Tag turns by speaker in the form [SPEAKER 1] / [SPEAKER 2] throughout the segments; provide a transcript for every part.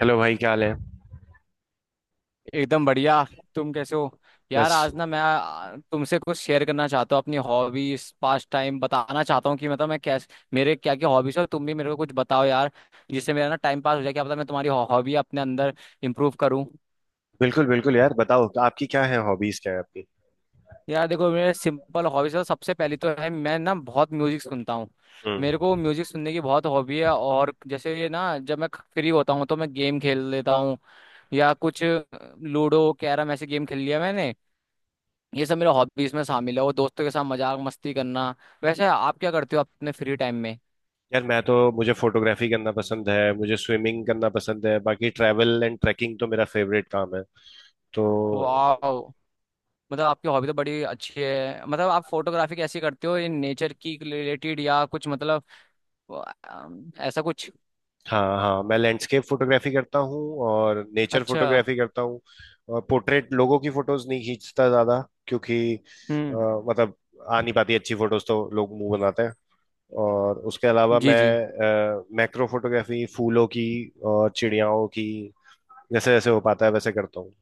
[SPEAKER 1] Hello भाई, क्या हाल है।
[SPEAKER 2] एकदम बढ़िया। तुम कैसे हो? यार
[SPEAKER 1] बस।
[SPEAKER 2] आज ना मैं तुमसे कुछ शेयर करना चाहता हूँ, अपनी हॉबीज पास टाइम बताना चाहता हूँ कि मतलब मैं कैसे, मेरे क्या क्या हॉबीज है। तुम भी मेरे को कुछ बताओ यार, जिससे मेरा ना टाइम पास हो जाए, क्या पता मैं तुम्हारी हॉबी अपने अंदर इम्प्रूव करूँ।
[SPEAKER 1] बिल्कुल बिल्कुल यार, बताओ तो, आपकी क्या है हॉबीज, क्या है आपकी।
[SPEAKER 2] यार देखो, मेरे सिंपल हॉबीज है, सबसे पहली तो है, मैं ना बहुत म्यूजिक सुनता हूँ। मेरे को
[SPEAKER 1] हम्म।
[SPEAKER 2] म्यूजिक सुनने की बहुत हॉबी है। और जैसे ये ना, जब मैं फ्री होता हूँ तो मैं गेम खेल लेता हूँ, या कुछ लूडो कैरम ऐसे गेम खेल लिया मैंने। ये सब मेरे हॉबीज में शामिल है, वो दोस्तों के साथ मजाक मस्ती करना। वैसे आप क्या करते हो अपने फ्री टाइम में?
[SPEAKER 1] यार मैं तो, मुझे फोटोग्राफी करना पसंद है, मुझे स्विमिंग करना पसंद है, बाकी ट्रैवल एंड ट्रैकिंग तो मेरा फेवरेट काम है। तो।
[SPEAKER 2] वाह! मतलब आपकी हॉबी तो बड़ी अच्छी है। मतलब आप फोटोग्राफी कैसी करते हो, इन नेचर की रिलेटेड या कुछ मतलब ऐसा कुछ।
[SPEAKER 1] हाँ हाँ, मैं लैंडस्केप फोटोग्राफी करता हूँ और नेचर
[SPEAKER 2] अच्छा।
[SPEAKER 1] फोटोग्राफी करता हूँ। और पोर्ट्रेट लोगों की फोटोज नहीं खींचता ज्यादा, क्योंकि
[SPEAKER 2] हम्म।
[SPEAKER 1] मतलब आ नहीं पाती अच्छी फोटोज, तो लोग मुंह बनाते हैं। और उसके अलावा
[SPEAKER 2] जी जी।
[SPEAKER 1] मैं मैक्रो फोटोग्राफी फूलों की और चिड़ियाओं की जैसे जैसे हो पाता है वैसे करता हूँ।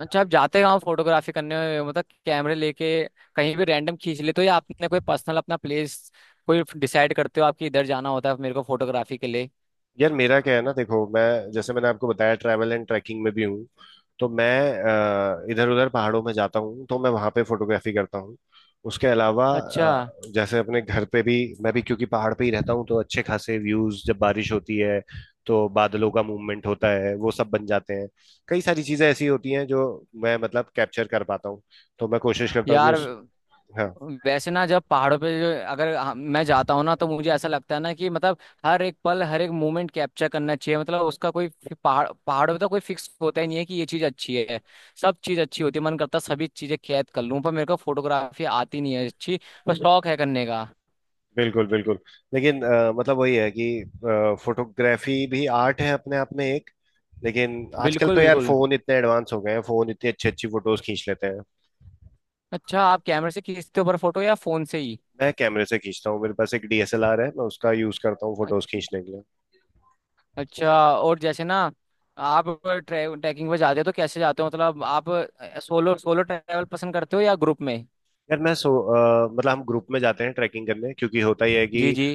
[SPEAKER 2] अच्छा आप जाते कहाँ फोटोग्राफी करने? मतलब कैमरे लेके कहीं भी रैंडम खींच लेते हो, या आपने कोई पर्सनल अपना प्लेस कोई डिसाइड करते हो, आपकी इधर जाना होता है मेरे को फोटोग्राफी के लिए?
[SPEAKER 1] यार मेरा क्या है ना, देखो मैं, जैसे मैंने आपको बताया, ट्रैवल एंड ट्रैकिंग में भी हूँ, तो मैं इधर उधर पहाड़ों में जाता हूँ तो मैं वहां पे फोटोग्राफी करता हूँ। उसके अलावा
[SPEAKER 2] अच्छा।
[SPEAKER 1] जैसे अपने घर पे भी मैं भी, क्योंकि पहाड़ पे ही रहता हूँ तो अच्छे खासे व्यूज, जब बारिश होती है तो बादलों का मूवमेंट होता है, वो सब बन जाते हैं। कई सारी चीजें ऐसी होती हैं जो मैं मतलब कैप्चर कर पाता हूँ। तो मैं कोशिश करता हूँ कि
[SPEAKER 2] यार
[SPEAKER 1] उस। हाँ।
[SPEAKER 2] वैसे ना जब पहाड़ों पे जो, अगर मैं जाता हूँ ना, तो मुझे ऐसा लगता है ना कि मतलब हर एक पल, हर एक मोमेंट कैप्चर करना चाहिए। मतलब उसका कोई पहाड़ों पे तो कोई फिक्स होता ही नहीं है कि ये चीज़ अच्छी है। सब चीज़ अच्छी होती है। मन करता है सभी चीज़ें कैद कर लूँ, पर मेरे को फोटोग्राफी आती नहीं है अच्छी, पर शौक है करने का।
[SPEAKER 1] बिल्कुल बिल्कुल। लेकिन मतलब वही है कि फोटोग्राफी भी आर्ट है अपने आप में एक। लेकिन आजकल
[SPEAKER 2] बिल्कुल
[SPEAKER 1] तो यार
[SPEAKER 2] बिल्कुल।
[SPEAKER 1] फोन इतने एडवांस हो गए हैं, फोन इतनी अच्छी अच्छी फोटोज खींच लेते हैं।
[SPEAKER 2] अच्छा आप कैमरे से खींचते हो पर फोटो, या फ़ोन से ही?
[SPEAKER 1] मैं कैमरे से खींचता हूँ, मेरे पास एक डीएसएलआर है, मैं उसका यूज करता हूँ फोटोज
[SPEAKER 2] अ-
[SPEAKER 1] खींचने के लिए।
[SPEAKER 2] अच्छा। और जैसे ना, आप ट्रैकिंग पे जाते हो तो कैसे जाते हो, मतलब आप सोलो, सोलो ट्रैवल पसंद करते हो या ग्रुप में?
[SPEAKER 1] यार मैं मतलब हम ग्रुप में जाते हैं ट्रैकिंग करने, क्योंकि होता ही है कि
[SPEAKER 2] जी जी।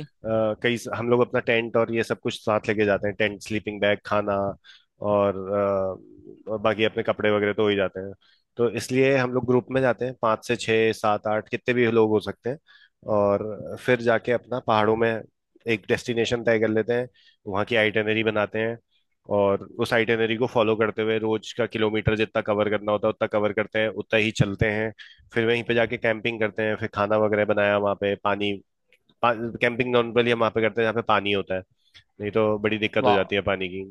[SPEAKER 1] कई हम लोग अपना टेंट और ये सब कुछ साथ लेके जाते हैं, टेंट, स्लीपिंग बैग, खाना, और, और बाकी अपने कपड़े वगैरह तो हो ही जाते हैं। तो इसलिए हम लोग ग्रुप में जाते हैं, पाँच से छः सात आठ कितने भी लोग हो सकते हैं। और फिर जाके अपना पहाड़ों में एक डेस्टिनेशन तय कर लेते हैं, वहाँ की आइटनरी बनाते हैं, और उस आइटनरी को फॉलो करते हुए रोज का किलोमीटर जितना कवर करना होता है उतना कवर करते हैं, उतना ही चलते हैं। फिर वहीं पे जाके कैंपिंग करते हैं, फिर खाना वगैरह बनाया, वहाँ पे पानी। पा, कैंपिंग नॉर्मली हम वहाँ पे करते हैं जहाँ पे पानी होता है, नहीं तो बड़ी दिक्कत हो
[SPEAKER 2] वाह।
[SPEAKER 1] जाती है पानी की।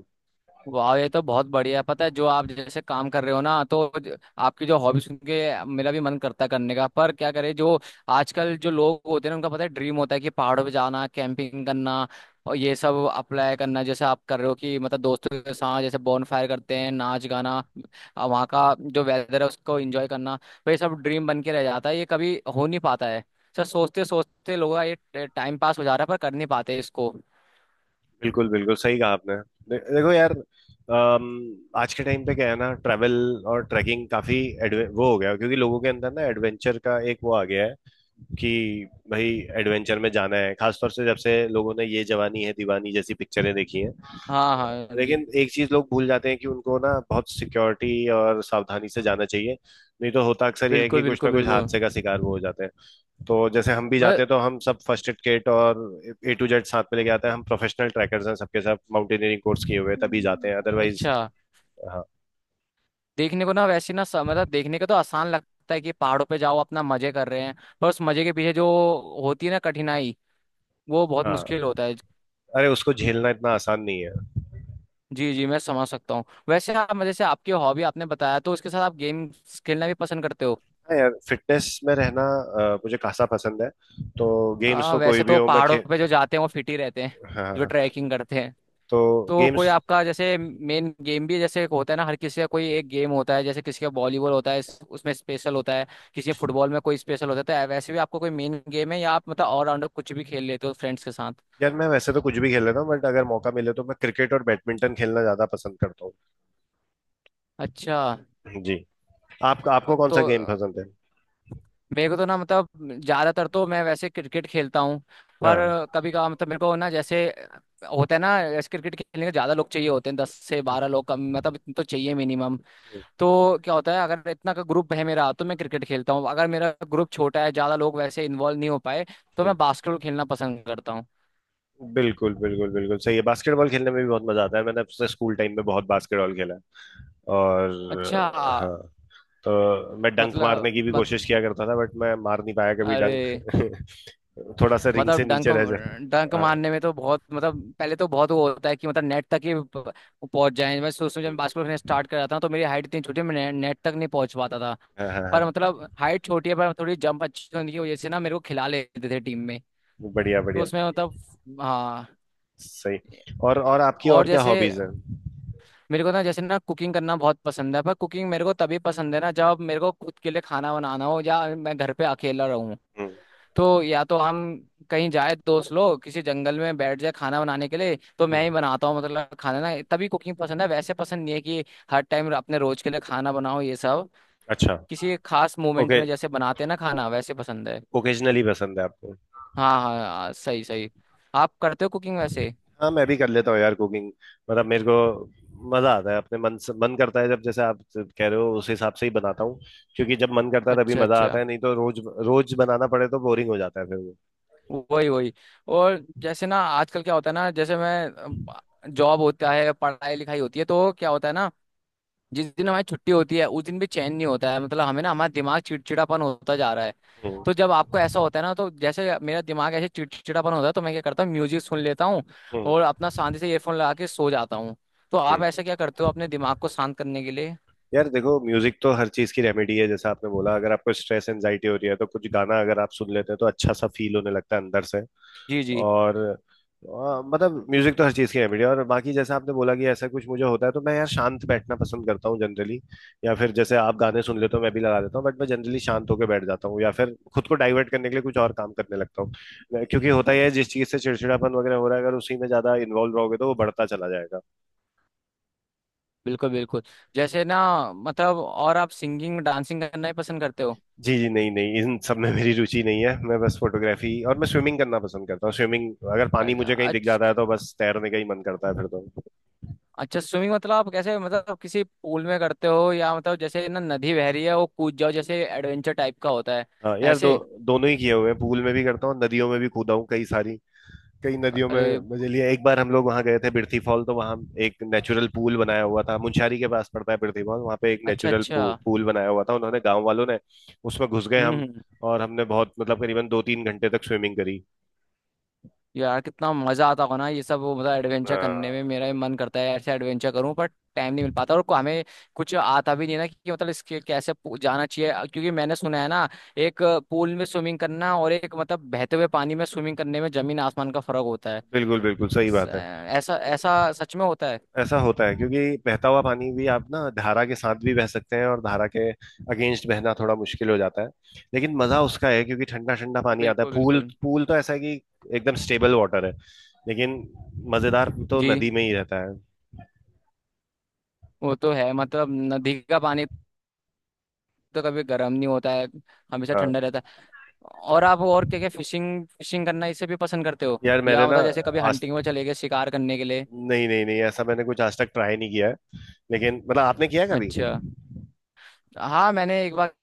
[SPEAKER 2] वाह ये तो बहुत बढ़िया है। पता है जो आप जैसे काम कर रहे हो ना, तो आपकी जो हॉबी सुन के मेरा भी मन करता है करने का, पर क्या करें। जो आजकल जो लोग होते हैं ना उनका पता है ड्रीम होता है कि पहाड़ों पे जाना, कैंपिंग करना और ये सब अप्लाई करना, जैसे आप कर रहे हो कि मतलब दोस्तों के साथ जैसे बॉन फायर करते हैं, नाच गाना, वहाँ का जो वेदर है उसको एंजॉय करना। तो ये सब ड्रीम बन के रह जाता है, ये कभी हो नहीं पाता है। सर सोचते सोचते लोगों का ये टाइम पास हो जा रहा है, पर कर नहीं पाते इसको।
[SPEAKER 1] बिल्कुल बिल्कुल सही कहा आपने। देखो यार, आज के टाइम पे क्या है ना, ट्रैवल और ट्रैकिंग काफी एडवे वो हो गया है, क्योंकि लोगों के अंदर ना एडवेंचर का एक वो आ गया है कि भाई एडवेंचर में जाना है, खासतौर से जब से लोगों ने ये जवानी है दीवानी जैसी पिक्चरें देखी हैं।
[SPEAKER 2] हाँ हाँ जी।
[SPEAKER 1] लेकिन एक चीज लोग भूल जाते हैं कि उनको ना बहुत सिक्योरिटी और सावधानी से जाना चाहिए, नहीं तो होता अक्सर यह है कि
[SPEAKER 2] बिल्कुल
[SPEAKER 1] कुछ ना
[SPEAKER 2] बिल्कुल
[SPEAKER 1] कुछ
[SPEAKER 2] बिल्कुल।
[SPEAKER 1] हादसे का शिकार वो हो जाते हैं। तो जैसे हम भी जाते हैं तो हम सब फर्स्ट एड किट और ए टू जेड साथ में लेके आते हैं, हम प्रोफेशनल ट्रैकर्स हैं, सबके साथ माउंटेनियरिंग कोर्स किए हुए हैं, तभी
[SPEAKER 2] मतलब
[SPEAKER 1] जाते हैं, अदरवाइज।
[SPEAKER 2] अच्छा,
[SPEAKER 1] हाँ
[SPEAKER 2] देखने को ना वैसे ना मतलब देखने को तो आसान लगता है कि पहाड़ों पे जाओ अपना मजे कर रहे हैं, पर उस मजे के पीछे जो होती है ना कठिनाई, वो बहुत
[SPEAKER 1] हाँ।
[SPEAKER 2] मुश्किल होता है।
[SPEAKER 1] अरे उसको झेलना इतना आसान नहीं है।
[SPEAKER 2] जी जी मैं समझ सकता हूँ। वैसे आप मतलब जैसे आपकी हॉबी आपने बताया, तो उसके साथ आप गेम खेलना भी पसंद करते हो?
[SPEAKER 1] हाँ यार, फिटनेस में रहना मुझे खासा पसंद है। तो गेम्स
[SPEAKER 2] हाँ,
[SPEAKER 1] तो कोई
[SPEAKER 2] वैसे
[SPEAKER 1] भी
[SPEAKER 2] तो
[SPEAKER 1] हो, मैं
[SPEAKER 2] पहाड़ों
[SPEAKER 1] खे।
[SPEAKER 2] पे जो जाते हैं वो फिट ही रहते हैं,
[SPEAKER 1] हाँ हाँ
[SPEAKER 2] जो
[SPEAKER 1] हाँ।
[SPEAKER 2] ट्रैकिंग करते हैं।
[SPEAKER 1] तो
[SPEAKER 2] तो कोई
[SPEAKER 1] गेम्स,
[SPEAKER 2] आपका जैसे मेन गेम भी, जैसे एक होता है ना हर किसी का, कोई एक गेम होता है, जैसे किसी का वॉलीबॉल होता है, उसमें स्पेशल होता है, किसी का फुटबॉल में कोई स्पेशल होता है, तो वैसे भी आपका कोई मेन गेम है, या आप मतलब ऑलराउंडर कुछ भी खेल लेते हो फ्रेंड्स के साथ?
[SPEAKER 1] यार मैं वैसे तो कुछ भी खेल लेता हूँ, बट अगर मौका मिले तो मैं क्रिकेट और बैडमिंटन खेलना ज्यादा पसंद करता हूँ।
[SPEAKER 2] अच्छा।
[SPEAKER 1] जी। आप आपको कौन
[SPEAKER 2] तो
[SPEAKER 1] सा गेम पसंद है?
[SPEAKER 2] मेरे को तो ना, मतलब ज्यादातर तो मैं वैसे क्रिकेट खेलता हूँ, पर
[SPEAKER 1] हाँ।
[SPEAKER 2] कभी कभार मतलब मेरे को ना जैसे होता है ना, जैसे क्रिकेट खेलने के ज्यादा लोग चाहिए होते हैं, दस से
[SPEAKER 1] हम्म,
[SPEAKER 2] बारह लोग कम, मतलब इतने तो चाहिए मिनिमम।
[SPEAKER 1] हम्म,
[SPEAKER 2] तो क्या होता है, अगर इतना का ग्रुप है मेरा तो मैं क्रिकेट खेलता हूँ। अगर मेरा ग्रुप छोटा है, ज्यादा लोग वैसे इन्वॉल्व नहीं हो पाए, तो
[SPEAKER 1] हम्म।
[SPEAKER 2] मैं बास्केटबॉल खेलना पसंद करता हूँ।
[SPEAKER 1] बिल्कुल बिल्कुल बिल्कुल सही है, बास्केटबॉल खेलने में भी बहुत मजा आता है, मैंने अपने स्कूल टाइम में बहुत बास्केटबॉल खेला है। और
[SPEAKER 2] अच्छा।
[SPEAKER 1] हाँ, तो मैं डंक मारने
[SPEAKER 2] मतलब
[SPEAKER 1] की भी
[SPEAKER 2] मत,
[SPEAKER 1] कोशिश किया करता था, बट मैं मार नहीं पाया कभी
[SPEAKER 2] अरे!
[SPEAKER 1] डंक। थोड़ा सा रिंग से
[SPEAKER 2] मतलब डंक,
[SPEAKER 1] नीचे रह
[SPEAKER 2] डंक
[SPEAKER 1] जाता। हाँ
[SPEAKER 2] मारने में तो बहुत, मतलब पहले तो बहुत वो होता है कि मतलब नेट तक ही पहुंच जाए। मैं सोचता हूँ जब मैं बास्केटबॉल खेलना स्टार्ट कर जाता हूँ, तो मेरी हाइट इतनी छोटी है, नेट तक नहीं पहुंच पाता था।
[SPEAKER 1] हाँ हाँ
[SPEAKER 2] पर
[SPEAKER 1] हाँ,
[SPEAKER 2] मतलब हाइट छोटी है, पर थोड़ी जंप अच्छी होने की वजह से ना मेरे को खिला लेते थे टीम में।
[SPEAKER 1] बढ़िया
[SPEAKER 2] तो
[SPEAKER 1] बढ़िया,
[SPEAKER 2] उसमें मतलब, हाँ।
[SPEAKER 1] सही। और आपकी
[SPEAKER 2] और
[SPEAKER 1] और क्या
[SPEAKER 2] जैसे
[SPEAKER 1] हॉबीज हैं?
[SPEAKER 2] मेरे को ना, जैसे ना कुकिंग करना बहुत पसंद है, पर कुकिंग मेरे को तभी पसंद है ना जब मेरे को खुद के लिए खाना बनाना हो, या मैं घर पे अकेला रहूं।
[SPEAKER 1] हम्म,
[SPEAKER 2] तो या तो हम कहीं जाए दोस्त लोग, किसी जंगल में बैठ जाए खाना बनाने के लिए, तो मैं
[SPEAKER 1] हम्म,
[SPEAKER 2] ही बनाता हूँ मतलब खाना। ना, तभी कुकिंग पसंद है, वैसे पसंद नहीं है कि हर टाइम अपने रोज के लिए खाना बनाओ ये सब।
[SPEAKER 1] अच्छा।
[SPEAKER 2] किसी खास मोमेंट
[SPEAKER 1] ओके।
[SPEAKER 2] में जैसे बनाते हैं ना खाना, वैसे पसंद है।
[SPEAKER 1] ओकेजनली पसंद है आपको।
[SPEAKER 2] हाँ हाँ हाँ, सही सही। आप करते हो कुकिंग वैसे?
[SPEAKER 1] हाँ मैं भी कर लेता हूँ यार कुकिंग, मतलब मेरे को मजा आता है, अपने मन से मन करता है जब, जैसे आप कह रहे हो उस हिसाब से ही बनाता हूँ। क्योंकि जब मन करता है तभी
[SPEAKER 2] अच्छा
[SPEAKER 1] मजा आता
[SPEAKER 2] अच्छा।
[SPEAKER 1] है, नहीं तो रोज रोज बनाना पड़े तो बोरिंग हो जाता है फिर वो।
[SPEAKER 2] वही वही। और जैसे ना आजकल क्या होता है ना, जैसे मैं जॉब होता है, पढ़ाई लिखाई होती है, तो क्या होता है ना, जिस दिन हमारी छुट्टी होती है उस दिन भी चैन नहीं होता है, मतलब हमें ना हमारा दिमाग चिड़चिड़ापन होता जा रहा है।
[SPEAKER 1] हम्म,
[SPEAKER 2] तो जब आपको ऐसा होता है ना, तो जैसे मेरा दिमाग ऐसे चिड़चिड़ापन होता है, तो मैं क्या करता हूँ म्यूजिक सुन लेता हूँ,
[SPEAKER 1] हम्म,
[SPEAKER 2] और अपना शांति से ईयरफोन लगा के सो जाता हूँ। तो आप
[SPEAKER 1] हम्म।
[SPEAKER 2] ऐसा क्या करते हो अपने दिमाग को शांत करने के लिए?
[SPEAKER 1] यार देखो, म्यूजिक तो हर चीज की रेमेडी है, जैसा आपने बोला, अगर आपको स्ट्रेस एंजाइटी हो रही है तो कुछ गाना अगर आप सुन लेते हैं तो अच्छा सा फील होने लगता है अंदर से।
[SPEAKER 2] जी जी।
[SPEAKER 1] और मतलब म्यूजिक तो हर चीज की है बढ़िया। और बाकी जैसे आपने बोला कि ऐसा कुछ मुझे होता है तो मैं यार शांत बैठना पसंद करता हूँ जनरली, या फिर जैसे आप गाने सुन लेते हो मैं भी लगा देता हूँ, बट मैं जनरली शांत होकर बैठ जाता हूँ, या फिर खुद को डाइवर्ट करने के लिए कुछ और काम करने लगता हूँ। क्योंकि होता ही है, जिस चीज से चिड़चिड़ापन वगैरह हो रहा है अगर उसी में ज्यादा इन्वॉल्व रहोगे तो वो बढ़ता चला जाएगा।
[SPEAKER 2] बिल्कुल बिल्कुल। जैसे ना, मतलब और आप सिंगिंग डांसिंग करना ही पसंद करते हो?
[SPEAKER 1] जी जी, नहीं नहीं, इन सब में मेरी रुचि नहीं है, मैं बस फोटोग्राफी और मैं स्विमिंग करना पसंद करता हूँ। स्विमिंग, अगर पानी मुझे कहीं दिख जाता है
[SPEAKER 2] अच्छा।
[SPEAKER 1] तो बस तैरने का ही मन करता है फिर तो।
[SPEAKER 2] अच्छा स्विमिंग, मतलब आप कैसे, मतलब किसी पूल में करते हो, या मतलब जैसे ना नदी बह रही है वो कूद जाओ, जैसे एडवेंचर टाइप का होता है
[SPEAKER 1] हाँ यार, दो
[SPEAKER 2] ऐसे?
[SPEAKER 1] दोनों ही किए हुए हैं, पूल में भी करता हूँ, नदियों में भी कूदा हूँ कई सारी, कई नदियों में
[SPEAKER 2] अरे!
[SPEAKER 1] मजे लिए। एक बार हम लोग वहां गए थे बिरथी फॉल, तो वहां एक नेचुरल पूल बनाया हुआ था, मुंशारी के पास पड़ता है बिरथी फॉल, वहां पे एक
[SPEAKER 2] अच्छा
[SPEAKER 1] नेचुरल
[SPEAKER 2] अच्छा।
[SPEAKER 1] पूल बनाया हुआ था उन्होंने, गांव वालों ने। उसमें घुस गए
[SPEAKER 2] हम्म
[SPEAKER 1] हम,
[SPEAKER 2] हम्म।
[SPEAKER 1] और हमने बहुत, मतलब करीबन दो तीन घंटे तक स्विमिंग करी।
[SPEAKER 2] यार कितना मजा आता होगा ना ये सब वो, मतलब एडवेंचर करने में
[SPEAKER 1] हाँ।
[SPEAKER 2] मेरा भी मन करता है ऐसे एडवेंचर करूं, पर टाइम नहीं मिल पाता, और हमें कुछ आता भी नहीं ना कि मतलब इसके कैसे जाना चाहिए। क्योंकि मैंने सुना है ना, एक पूल में स्विमिंग करना और एक मतलब बहते हुए पानी में स्विमिंग करने में जमीन आसमान का फर्क होता है।
[SPEAKER 1] बिल्कुल बिल्कुल सही
[SPEAKER 2] स-
[SPEAKER 1] बात है।
[SPEAKER 2] ऐसा, ऐसा सच में होता है?
[SPEAKER 1] ऐसा होता है, क्योंकि बहता हुआ पानी भी, आप ना धारा के साथ भी बह सकते हैं और धारा के अगेंस्ट बहना थोड़ा मुश्किल हो जाता है। लेकिन मजा उसका है क्योंकि ठंडा ठंडा पानी आता है।
[SPEAKER 2] बिल्कुल
[SPEAKER 1] पूल
[SPEAKER 2] बिल्कुल।
[SPEAKER 1] पूल तो ऐसा है कि एकदम स्टेबल वाटर है। लेकिन मजेदार तो
[SPEAKER 2] जी।
[SPEAKER 1] नदी में ही रहता है।
[SPEAKER 2] वो तो है, मतलब नदी का पानी तो कभी गर्म नहीं होता है, हमेशा
[SPEAKER 1] हाँ
[SPEAKER 2] ठंडा रहता है। और आप और क्या क्या, फिशिंग, फिशिंग करना इसे भी पसंद करते हो,
[SPEAKER 1] यार, मैंने
[SPEAKER 2] या
[SPEAKER 1] ना
[SPEAKER 2] मतलब जैसे कभी
[SPEAKER 1] आज
[SPEAKER 2] हंटिंग में चले गए शिकार करने के लिए?
[SPEAKER 1] नहीं नहीं नहीं, ऐसा मैंने कुछ आज तक ट्राई नहीं किया है। लेकिन मतलब आपने किया है कभी?
[SPEAKER 2] अच्छा। हाँ मैंने एक बार,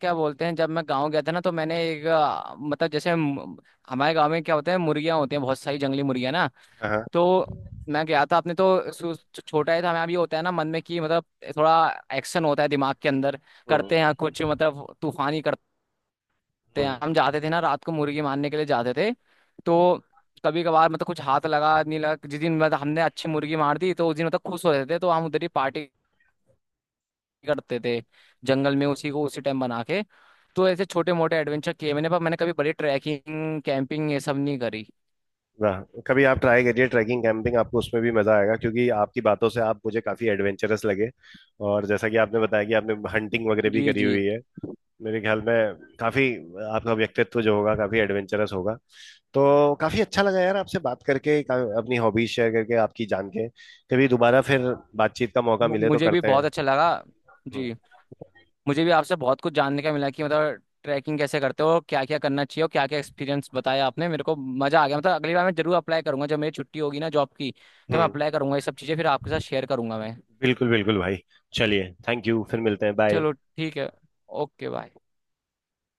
[SPEAKER 2] क्या बोलते हैं, जब मैं गांव गया था ना, तो मैंने एक मतलब जैसे हमारे गांव में क्या होते हैं, मुर्गियां होती हैं, बहुत सारी जंगली मुर्गियां ना।
[SPEAKER 1] हाँ हाँ।
[SPEAKER 2] तो मैं गया था अपने, तो छोटा ही था मैं अभी, होता है ना मन में कि मतलब थोड़ा एक्शन होता है दिमाग के अंदर,
[SPEAKER 1] हम्म
[SPEAKER 2] करते हैं कुछ मतलब तूफानी, करते थे
[SPEAKER 1] हम्म।
[SPEAKER 2] हम, जाते थे ना रात को मुर्गी मारने के लिए जाते थे। तो कभी कभार मतलब कुछ हाथ लगा नहीं लगा, जिस दिन मतलब हमने अच्छी मुर्गी मार दी, तो उस दिन मतलब खुश होते थे, तो हम उधर ही पार्टी करते थे जंगल में, उसी को उसी टाइम बना के। तो ऐसे छोटे मोटे एडवेंचर किए मैंने, पर मैंने कभी बड़ी ट्रैकिंग कैंपिंग ये सब नहीं करी।
[SPEAKER 1] ना, कभी आप ट्राई करिए ट्रैकिंग कैंपिंग, आपको उसमें भी मजा आएगा, क्योंकि आपकी बातों से आप मुझे काफी एडवेंचरस लगे। और जैसा कि आपने बताया कि आपने हंटिंग वगैरह भी
[SPEAKER 2] जी
[SPEAKER 1] करी
[SPEAKER 2] जी।
[SPEAKER 1] हुई है, मेरे ख्याल में काफी आपका व्यक्तित्व जो होगा काफी एडवेंचरस होगा। तो काफी अच्छा लगा यार आपसे बात करके, अपनी हॉबीज शेयर करके, आपकी जान के। कभी दोबारा फिर बातचीत का मौका मिले तो
[SPEAKER 2] मुझे भी
[SPEAKER 1] करते
[SPEAKER 2] बहुत अच्छा
[SPEAKER 1] हैं।
[SPEAKER 2] लगा।
[SPEAKER 1] हम्म
[SPEAKER 2] जी। मुझे भी आपसे बहुत कुछ जानने का मिला कि मतलब ट्रैकिंग कैसे करते हो, क्या क्या करना चाहिए, और क्या क्या एक्सपीरियंस बताया आपने, मेरे को मजा आ गया। मतलब अगली बार मैं जरूर अप्लाई करूंगा, जब मेरी छुट्टी होगी ना जॉब की, तो मैं
[SPEAKER 1] हम्म।
[SPEAKER 2] अप्लाई करूंगा ये सब चीजें, फिर आपके साथ शेयर करूंगा मैं।
[SPEAKER 1] बिल्कुल बिल्कुल भाई, चलिए थैंक यू, फिर मिलते हैं, बाय।
[SPEAKER 2] चलो ठीक है। Okay bye.